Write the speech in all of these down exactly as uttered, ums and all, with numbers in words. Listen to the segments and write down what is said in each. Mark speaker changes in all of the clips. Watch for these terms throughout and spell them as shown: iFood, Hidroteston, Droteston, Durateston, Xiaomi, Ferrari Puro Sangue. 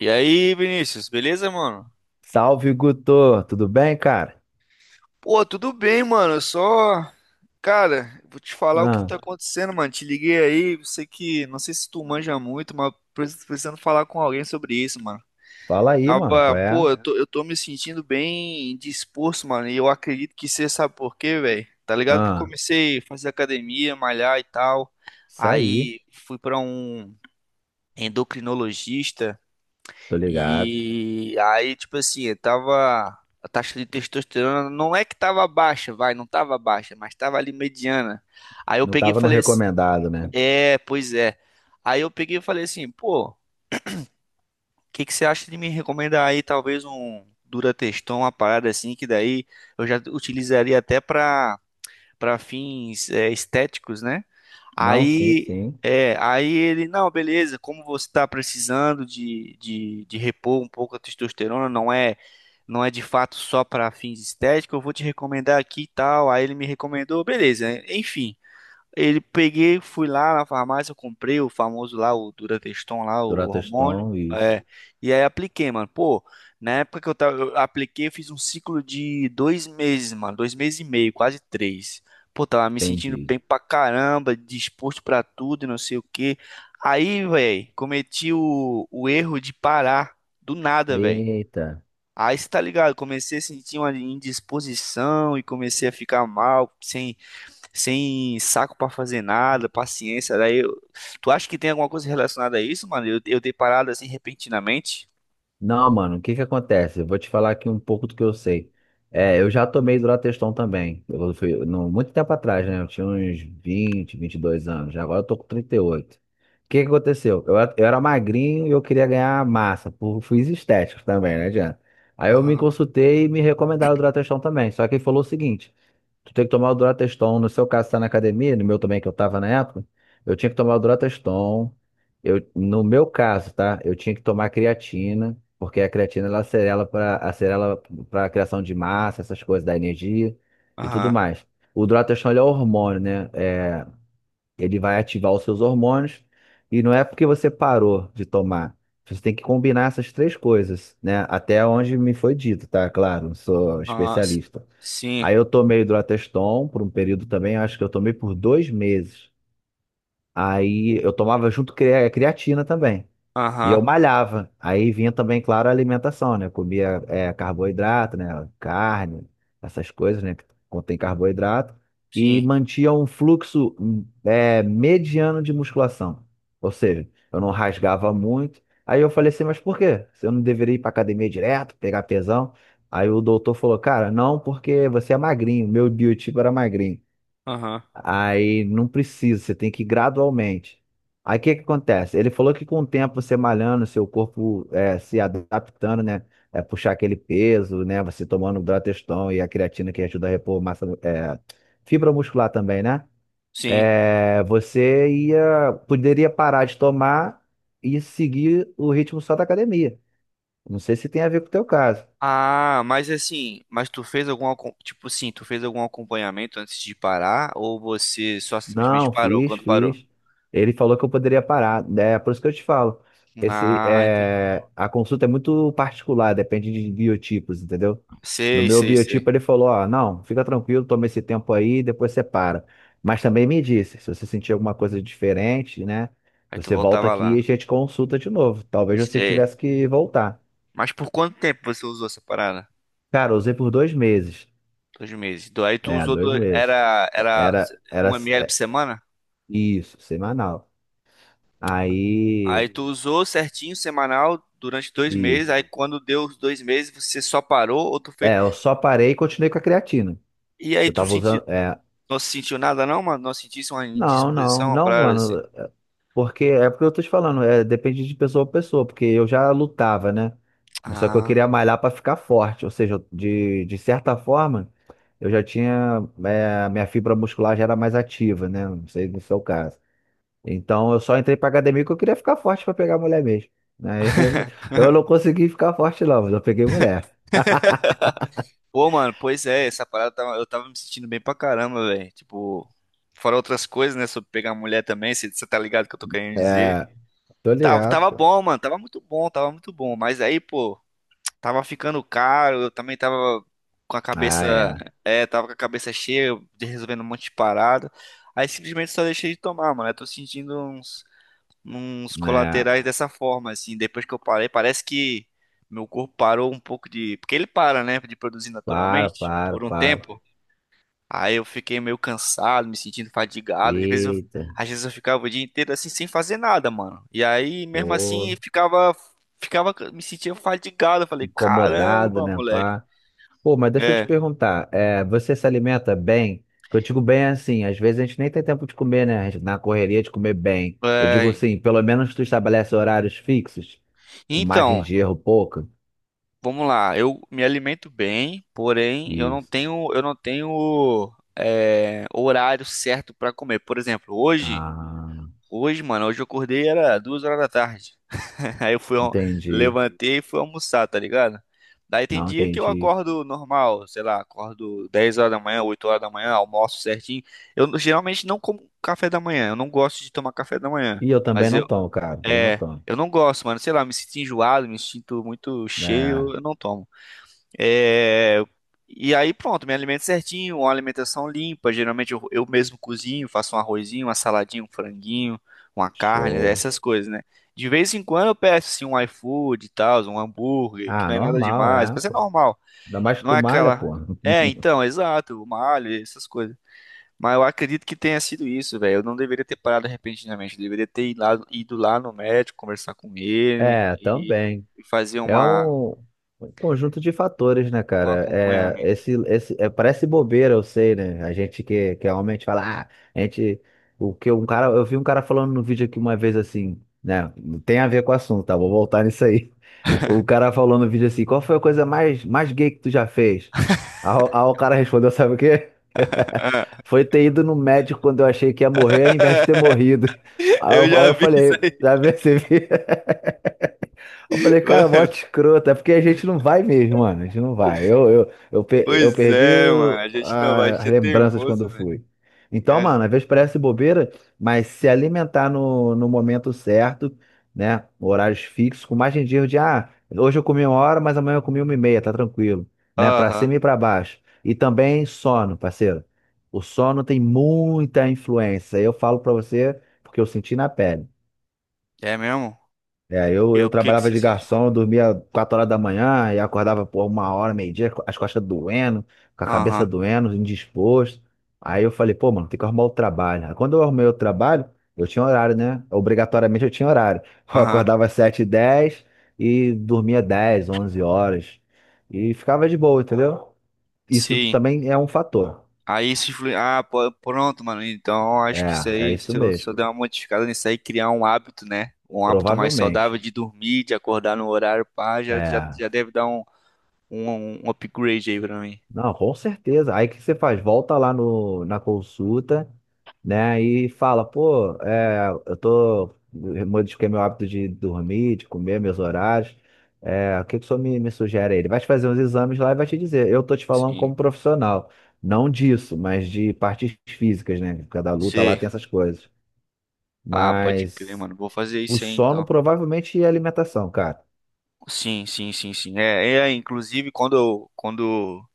Speaker 1: E aí, Vinícius, beleza, mano?
Speaker 2: Salve, Guto! Tudo bem, cara?
Speaker 1: Pô, tudo bem, mano. Eu Só, cara, vou te falar o que
Speaker 2: Ah,
Speaker 1: tá acontecendo, mano. Te liguei aí, sei que, não sei se tu manja muito, mas preciso- precisando falar com alguém sobre isso, mano.
Speaker 2: fala aí, mano,
Speaker 1: Tava,
Speaker 2: qual é?
Speaker 1: pô, eu tô, eu tô me sentindo bem disposto, mano. E eu acredito que você sabe por quê, velho. Tá ligado que eu
Speaker 2: Ah,
Speaker 1: comecei a fazer academia, malhar e tal.
Speaker 2: isso aí,
Speaker 1: Aí fui pra um endocrinologista.
Speaker 2: tô ligado.
Speaker 1: E aí, tipo assim, tava. A taxa de testosterona não é que tava baixa, vai, não tava baixa, mas tava ali mediana. Aí eu
Speaker 2: Não
Speaker 1: peguei e
Speaker 2: tava no
Speaker 1: falei assim,
Speaker 2: recomendado, né?
Speaker 1: é, pois é. Aí eu peguei e falei assim, pô, o que que você acha de me recomendar aí talvez um Durateston, uma parada assim, que daí eu já utilizaria até pra para fins é, estéticos, né?
Speaker 2: Não, sim,
Speaker 1: Aí,
Speaker 2: sim.
Speaker 1: é, aí ele, não, beleza, como você está precisando de, de, de repor um pouco a testosterona, não é, não é de fato só para fins estéticos, eu vou te recomendar aqui e tal. Aí ele me recomendou, beleza, enfim. Ele peguei, fui lá na farmácia, eu comprei o famoso lá, o Durateston lá, o hormônio.
Speaker 2: Durateston, isso.
Speaker 1: É, e aí apliquei, mano. Pô, na época que eu tava, eu apliquei, eu fiz um ciclo de dois meses, mano. Dois meses e meio, quase três. Pô, tava me sentindo
Speaker 2: Entendi.
Speaker 1: bem pra caramba, disposto pra tudo e não sei o quê. Aí, velho, cometi o, o erro de parar do nada, velho.
Speaker 2: Eita.
Speaker 1: Aí você tá ligado, comecei a sentir uma indisposição e comecei a ficar mal, sem sem saco pra fazer nada, paciência. Daí, eu- tu acha que tem alguma coisa relacionada a isso, mano? Eu, eu ter parado assim repentinamente?
Speaker 2: Não, mano, o que que acontece? Eu vou te falar aqui um pouco do que eu sei. É, eu já tomei Durateston também. Eu fui, no, muito tempo atrás, né? Eu tinha uns vinte, vinte e dois anos. Já agora eu tô com trinta e oito. O que que aconteceu? Eu, era- eu era magrinho e eu queria ganhar massa. Por fins estéticos também, né, Diana? Aí eu me
Speaker 1: Aham,
Speaker 2: consultei e me recomendaram o Durateston também. Só que ele falou o seguinte. Tu tem que tomar o Durateston. No seu caso, tá na academia, no meu também, que eu tava na época, eu tinha que tomar o Durateston. Eu, no meu caso, tá? Eu tinha que tomar creatina, porque a creatina ela acelera para acelera para criação de massa, essas coisas, da energia e tudo
Speaker 1: aham,
Speaker 2: mais. O Durateston ele é hormônio, né? É, ele vai ativar os seus hormônios e não é porque você parou de tomar. Você tem que combinar essas três coisas, né? Até onde me foi dito, tá? Claro, não sou
Speaker 1: aham, s-
Speaker 2: especialista.
Speaker 1: sim,
Speaker 2: Aí eu tomei Hidroteston por um período também, acho que eu tomei por dois meses. Aí eu tomava junto crea- creatina também. E
Speaker 1: aham,
Speaker 2: eu malhava. Aí vinha também, claro, a alimentação, né? Comia é, carboidrato, né? Carne, essas coisas, né? Que contém carboidrato. E
Speaker 1: sim,
Speaker 2: mantinha um fluxo hum, é, mediano de musculação. Ou seja, eu não rasgava muito. Aí eu falei assim, mas por quê? Se eu não deveria ir pra academia direto, pegar pesão? Aí o doutor falou, cara, não, porque você é magrinho. Meu biotipo era magrinho.
Speaker 1: aham,
Speaker 2: Aí não precisa, você tem que ir gradualmente. Aí o que que acontece? Ele falou que com o tempo você malhando, seu corpo é, se adaptando, né? É, puxar aquele peso, né? Você tomando o Droteston e a creatina que ajuda a repor massa, é, fibra muscular também, né?
Speaker 1: sim.
Speaker 2: É, você ia, poderia parar de tomar e seguir o ritmo só da academia. Não sei se tem a ver com o teu caso.
Speaker 1: Ah, mas assim, mas tu fez algum, acom- tipo assim, tu fez algum acompanhamento antes de parar ou você só simplesmente
Speaker 2: Não,
Speaker 1: parou
Speaker 2: fiz,
Speaker 1: quando parou?
Speaker 2: fiz. Ele falou que eu poderia parar. É por isso que eu te falo. Esse,
Speaker 1: Ah, entendi.
Speaker 2: é, a consulta é muito particular, depende de biotipos, entendeu? No
Speaker 1: Sei,
Speaker 2: meu
Speaker 1: sei,
Speaker 2: biotipo,
Speaker 1: sei.
Speaker 2: ele falou: Ó, não, fica tranquilo, toma esse tempo aí, depois você para. Mas também me disse: se você sentir alguma coisa diferente, né?
Speaker 1: Aí tu
Speaker 2: Você volta
Speaker 1: voltava
Speaker 2: aqui e a
Speaker 1: lá.
Speaker 2: gente consulta de novo. Talvez você
Speaker 1: Sei.
Speaker 2: tivesse que voltar.
Speaker 1: Mas por quanto tempo você usou essa parada?
Speaker 2: Cara, eu usei por dois meses.
Speaker 1: Dois meses. Do- Aí tu
Speaker 2: É,
Speaker 1: usou
Speaker 2: dois
Speaker 1: dois,
Speaker 2: meses.
Speaker 1: era, era
Speaker 2: Era, era
Speaker 1: um ml por
Speaker 2: é,
Speaker 1: semana?
Speaker 2: isso, semanal. Aí.
Speaker 1: Aí tu usou certinho, semanal, durante dois meses.
Speaker 2: Isso.
Speaker 1: Aí quando deu os dois meses, você só parou ou tu fez.
Speaker 2: É, eu só parei e continuei com a creatina.
Speaker 1: E
Speaker 2: Que
Speaker 1: aí
Speaker 2: eu
Speaker 1: tu
Speaker 2: tava
Speaker 1: sentiu,
Speaker 2: usando. É,
Speaker 1: não sentiu nada não, mano? Não sentisse uma
Speaker 2: não,
Speaker 1: indisposição,
Speaker 2: não,
Speaker 1: uma
Speaker 2: não,
Speaker 1: parada assim?
Speaker 2: mano. Porque é porque eu tô te falando, é, depende de pessoa pra pessoa, porque eu já lutava, né? Mas só que eu queria
Speaker 1: Ah.
Speaker 2: malhar pra ficar forte. Ou seja, eu- de, de certa forma, eu já tinha. é, minha fibra muscular já era mais ativa, né? Não sei se é o caso. Então eu só entrei pra academia porque eu queria ficar forte pra pegar mulher mesmo. Aí eu não eu não consegui ficar forte, não, mas eu peguei mulher.
Speaker 1: Pô, mano, pois é, essa parada tava- eu tava me sentindo bem pra caramba, velho. Tipo, fora outras coisas, né? Sobre pegar mulher também, você tá ligado que eu tô querendo dizer.
Speaker 2: É, tô
Speaker 1: Tava,
Speaker 2: ligado,
Speaker 1: tava
Speaker 2: pô.
Speaker 1: bom, mano, tava muito bom, tava muito bom. Mas aí, pô. Tava ficando caro, eu também tava com a
Speaker 2: Ah,
Speaker 1: cabeça,
Speaker 2: é.
Speaker 1: é, tava com a cabeça cheia, de resolvendo um monte de parada. Aí simplesmente só deixei de tomar, mano. Eu tô sentindo uns, uns
Speaker 2: É,
Speaker 1: colaterais dessa forma, assim. Depois que eu parei, parece que meu corpo parou um pouco de. Porque ele para, né? De produzir
Speaker 2: para,
Speaker 1: naturalmente
Speaker 2: para,
Speaker 1: por um
Speaker 2: para.
Speaker 1: tempo. Aí eu fiquei meio cansado, me sentindo fadigado. Às vezes eu,
Speaker 2: Eita,
Speaker 1: às vezes eu ficava o dia inteiro assim sem fazer nada, mano. E aí mesmo assim
Speaker 2: pô,
Speaker 1: eu ficava ficava me sentia fadigado. Eu falei,
Speaker 2: incomodado,
Speaker 1: caramba,
Speaker 2: né,
Speaker 1: moleque.
Speaker 2: pá? Pô, mas deixa eu te
Speaker 1: É,
Speaker 2: perguntar, é, você se alimenta bem? Que eu digo bem é assim, às vezes a gente nem tem tempo de comer, né? A gente na correria de comer bem. Eu digo
Speaker 1: é.
Speaker 2: assim, pelo menos tu estabelece horários fixos, com margem
Speaker 1: Então,
Speaker 2: de erro pouca.
Speaker 1: vamos lá. Eu me alimento bem, porém eu não
Speaker 2: Isso.
Speaker 1: tenho eu não tenho é, horário certo pra comer. Por exemplo, hoje,
Speaker 2: Ah,
Speaker 1: hoje, mano, hoje eu acordei era duas horas da tarde. Aí eu fui, al-
Speaker 2: entendi.
Speaker 1: levantei e fui almoçar, tá ligado? Daí tem
Speaker 2: Não,
Speaker 1: dia que eu
Speaker 2: entendi.
Speaker 1: acordo normal, sei lá, acordo dez horas da manhã, oito horas da manhã, almoço certinho. Eu n- geralmente não como café da manhã, eu não gosto de tomar café da manhã.
Speaker 2: E eu também
Speaker 1: Mas
Speaker 2: não
Speaker 1: eu,
Speaker 2: tomo, cara, também não
Speaker 1: é,
Speaker 2: tomo.
Speaker 1: eu não gosto, mano, sei lá, me sinto enjoado, me sinto muito
Speaker 2: É,
Speaker 1: cheio, eu não tomo. É. E aí pronto, me alimento certinho, uma alimentação limpa. Geralmente eu, eu mesmo cozinho, faço um arrozinho, uma saladinha, um franguinho, uma carne,
Speaker 2: show.
Speaker 1: essas coisas, né? De vez em quando eu peço assim, um iFood e tal, um hambúrguer, que
Speaker 2: Ah,
Speaker 1: não é nada
Speaker 2: normal,
Speaker 1: demais,
Speaker 2: é,
Speaker 1: mas é
Speaker 2: pô.
Speaker 1: normal.
Speaker 2: Ainda mais que
Speaker 1: Não
Speaker 2: tu
Speaker 1: é
Speaker 2: malha,
Speaker 1: aquela.
Speaker 2: pô.
Speaker 1: É, então, exato, uma alho, essas coisas. Mas eu acredito que tenha sido isso, velho. Eu não deveria ter parado repentinamente. Eu deveria ter ido lá, ido lá no médico, conversar com ele
Speaker 2: É,
Speaker 1: e,
Speaker 2: também.
Speaker 1: e fazer
Speaker 2: É
Speaker 1: uma,
Speaker 2: um, um conjunto de fatores, né,
Speaker 1: um
Speaker 2: cara? É,
Speaker 1: acompanhamento.
Speaker 2: esse, esse, é, parece bobeira, eu sei, né? A gente que, que é homem, a gente fala, ah, a gente. O que um cara, eu vi um cara falando no vídeo aqui uma vez assim, né? Não tem a ver com o assunto, tá? Vou voltar nisso aí. O cara falou no vídeo assim, qual foi a coisa mais, mais gay que tu já fez? Aí, o aí o cara respondeu, sabe o quê? Foi ter ido no médico quando eu achei que ia morrer, ao invés de ter morrido. Aí
Speaker 1: Eu
Speaker 2: eu, aí
Speaker 1: já
Speaker 2: eu
Speaker 1: vi isso
Speaker 2: falei,
Speaker 1: aí,
Speaker 2: já percebi? Eu falei, cara, mó
Speaker 1: mano.
Speaker 2: escroto. É porque a gente não vai mesmo, mano. A gente não vai. Eu, eu, eu, pe- eu
Speaker 1: Pois
Speaker 2: perdi
Speaker 1: é, mano.
Speaker 2: o-
Speaker 1: A gente não vai
Speaker 2: a- as
Speaker 1: ser
Speaker 2: lembranças quando
Speaker 1: teimoso,
Speaker 2: eu
Speaker 1: velho.
Speaker 2: fui. Então,
Speaker 1: A gen-
Speaker 2: mano, às vezes parece bobeira, mas se alimentar no, no momento certo, né? Horários fixos, com margem de erro de, ah, hoje eu comi uma hora, mas amanhã eu comi uma e meia, tá tranquilo. Né? Pra
Speaker 1: Aham.
Speaker 2: cima e pra baixo. E também sono, parceiro. O sono tem muita influência. Eu falo pra você porque eu senti na pele.
Speaker 1: É mesmo?
Speaker 2: É, eu,
Speaker 1: E
Speaker 2: eu
Speaker 1: o que que
Speaker 2: trabalhava
Speaker 1: você
Speaker 2: de
Speaker 1: sentiu?
Speaker 2: garçom, eu dormia quatro horas da manhã e acordava por uma hora, meio-dia, co- as costas doendo, com a cabeça
Speaker 1: Aham.
Speaker 2: doendo, indisposto. Aí eu falei, pô, mano, tem que arrumar o trabalho. Aí quando eu arrumei o trabalho, eu tinha horário, né? Obrigatoriamente eu tinha horário. Eu
Speaker 1: Aham.
Speaker 2: acordava às sete e dez e dez e dormia dez onze horas. E ficava de boa, entendeu? Isso
Speaker 1: Sim.
Speaker 2: também é um fator.
Speaker 1: Aí isso influi. Ah, pô, pronto, mano. Então acho que isso
Speaker 2: É, é
Speaker 1: aí,
Speaker 2: isso
Speaker 1: se eu, se
Speaker 2: mesmo.
Speaker 1: eu der uma modificada nisso aí, criar um hábito, né? Um hábito mais saudável
Speaker 2: Provavelmente.
Speaker 1: de dormir, de acordar no horário, pá, já, já,
Speaker 2: É.
Speaker 1: já deve dar um, um, um upgrade aí pra mim.
Speaker 2: Não, com certeza. Aí o que você faz? Volta lá no, na consulta, né? E fala, pô, é, eu tô. Modifiquei meu hábito de dormir, de comer, meus horários. É, o que que o senhor me, me sugere aí? Ele vai te fazer uns exames lá e vai te dizer. Eu tô te falando
Speaker 1: Sim.
Speaker 2: como profissional, não disso, mas de partes físicas, né? Cada luta lá
Speaker 1: Sim.
Speaker 2: tem essas coisas.
Speaker 1: Ah, pode crer,
Speaker 2: Mas
Speaker 1: mano. Vou fazer
Speaker 2: o
Speaker 1: isso aí
Speaker 2: sono
Speaker 1: então.
Speaker 2: provavelmente e a alimentação, cara.
Speaker 1: Sim, sim, sim, sim. É, é, inclusive quando eu, quando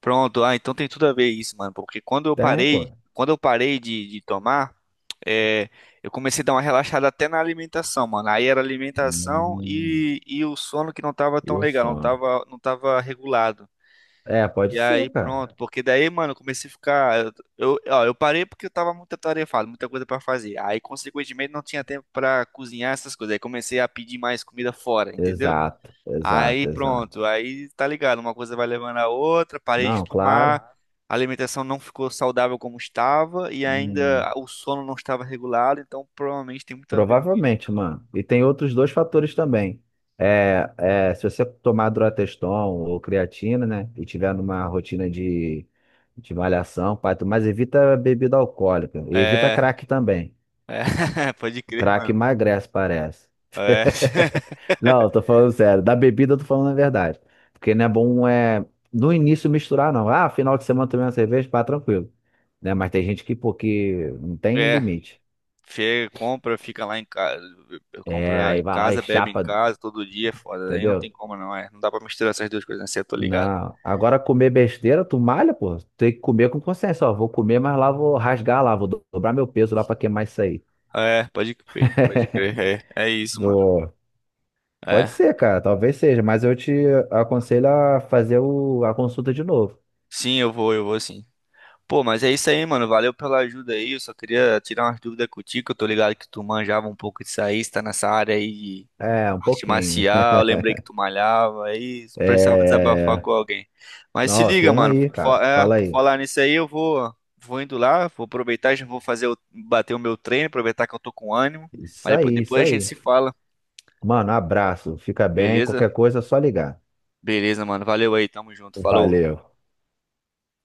Speaker 1: pronto, ah, então tem tudo a ver isso, mano, porque quando eu
Speaker 2: Tem,
Speaker 1: parei,
Speaker 2: pô.
Speaker 1: quando eu parei de, de tomar, é, eu comecei a dar uma relaxada até na alimentação, mano. Aí era alimentação
Speaker 2: Hum,
Speaker 1: e, e o sono que não tava
Speaker 2: e
Speaker 1: tão
Speaker 2: o
Speaker 1: legal, não
Speaker 2: sono.
Speaker 1: tava, não tava regulado.
Speaker 2: É, pode
Speaker 1: E
Speaker 2: ser,
Speaker 1: aí
Speaker 2: cara.
Speaker 1: pronto, porque daí, mano, eu comecei a ficar, eu, eu- ó, eu parei porque eu tava muito atarefado, muita coisa pra fazer. Aí, consequentemente, não tinha tempo pra cozinhar essas coisas. Aí comecei a pedir mais comida fora, entendeu?
Speaker 2: Exato,
Speaker 1: Aí
Speaker 2: exato, exato.
Speaker 1: pronto, aí tá ligado, uma coisa vai levando a outra, parei de
Speaker 2: Não, claro.
Speaker 1: tomar, a alimentação não ficou saudável como estava e
Speaker 2: Hum,
Speaker 1: ainda o sono não estava regulado, então provavelmente tem muito a ver com isso.
Speaker 2: provavelmente, mano. E tem outros dois fatores também. É, é, se você tomar Droteston ou creatina, né? E tiver numa rotina de, de malhação, pai, tu- mas evita bebida alcoólica. E evita
Speaker 1: É,
Speaker 2: crack também.
Speaker 1: é, pode
Speaker 2: O
Speaker 1: crer,
Speaker 2: crack
Speaker 1: mano.
Speaker 2: emagrece, parece.
Speaker 1: É,
Speaker 2: Não, eu tô falando sério. Da bebida eu tô falando a verdade. Porque não é bom é, no início misturar, não. Ah, final de semana tomei uma cerveja, pá, tranquilo. Né? Mas tem gente que, pô, que não tem
Speaker 1: é,
Speaker 2: limite.
Speaker 1: chega, compra, fica lá em casa,
Speaker 2: É,
Speaker 1: compra
Speaker 2: aí
Speaker 1: em
Speaker 2: vai lá e
Speaker 1: casa, bebe em
Speaker 2: chapa,
Speaker 1: casa todo dia, é foda, aí não tem
Speaker 2: entendeu?
Speaker 1: como não, é, não dá pra misturar essas duas coisas, né? Cê, eu tô ligado.
Speaker 2: Não. Agora comer besteira, tu malha, pô. Tem que comer com consciência. Ó, vou comer, mas lá vou rasgar lá, vou do- dobrar meu peso lá pra queimar isso aí.
Speaker 1: É, pode crer, pode crer, é, é isso, mano.
Speaker 2: Do... Pode
Speaker 1: É,
Speaker 2: ser, cara, talvez seja, mas eu te aconselho a fazer o... a consulta de novo.
Speaker 1: sim, eu vou, eu vou sim. Pô, mas é isso aí, mano. Valeu pela ajuda aí. Eu só queria tirar umas dúvidas contigo. Que eu tô ligado que tu manjava um pouco disso aí, você tá nessa área aí de
Speaker 2: É, um
Speaker 1: arte
Speaker 2: pouquinho.
Speaker 1: marcial. Eu lembrei que tu malhava aí, precisava desabafar é,
Speaker 2: É.
Speaker 1: com alguém. Mas se
Speaker 2: Não,
Speaker 1: liga, tá
Speaker 2: toma
Speaker 1: mano.
Speaker 2: aí,
Speaker 1: Por, fa-
Speaker 2: cara.
Speaker 1: é,
Speaker 2: Fala
Speaker 1: por
Speaker 2: aí.
Speaker 1: falar nisso aí, eu vou, vou indo lá, vou aproveitar, já vou fazer o, bater o meu treino, aproveitar que eu tô com ânimo. Mas
Speaker 2: Isso
Speaker 1: depois,
Speaker 2: aí, isso
Speaker 1: depois a gente
Speaker 2: aí.
Speaker 1: se fala,
Speaker 2: Mano, abraço. Fica bem.
Speaker 1: beleza?
Speaker 2: Qualquer coisa é só ligar.
Speaker 1: Beleza, mano. Valeu aí, tamo junto. Falou.
Speaker 2: Valeu.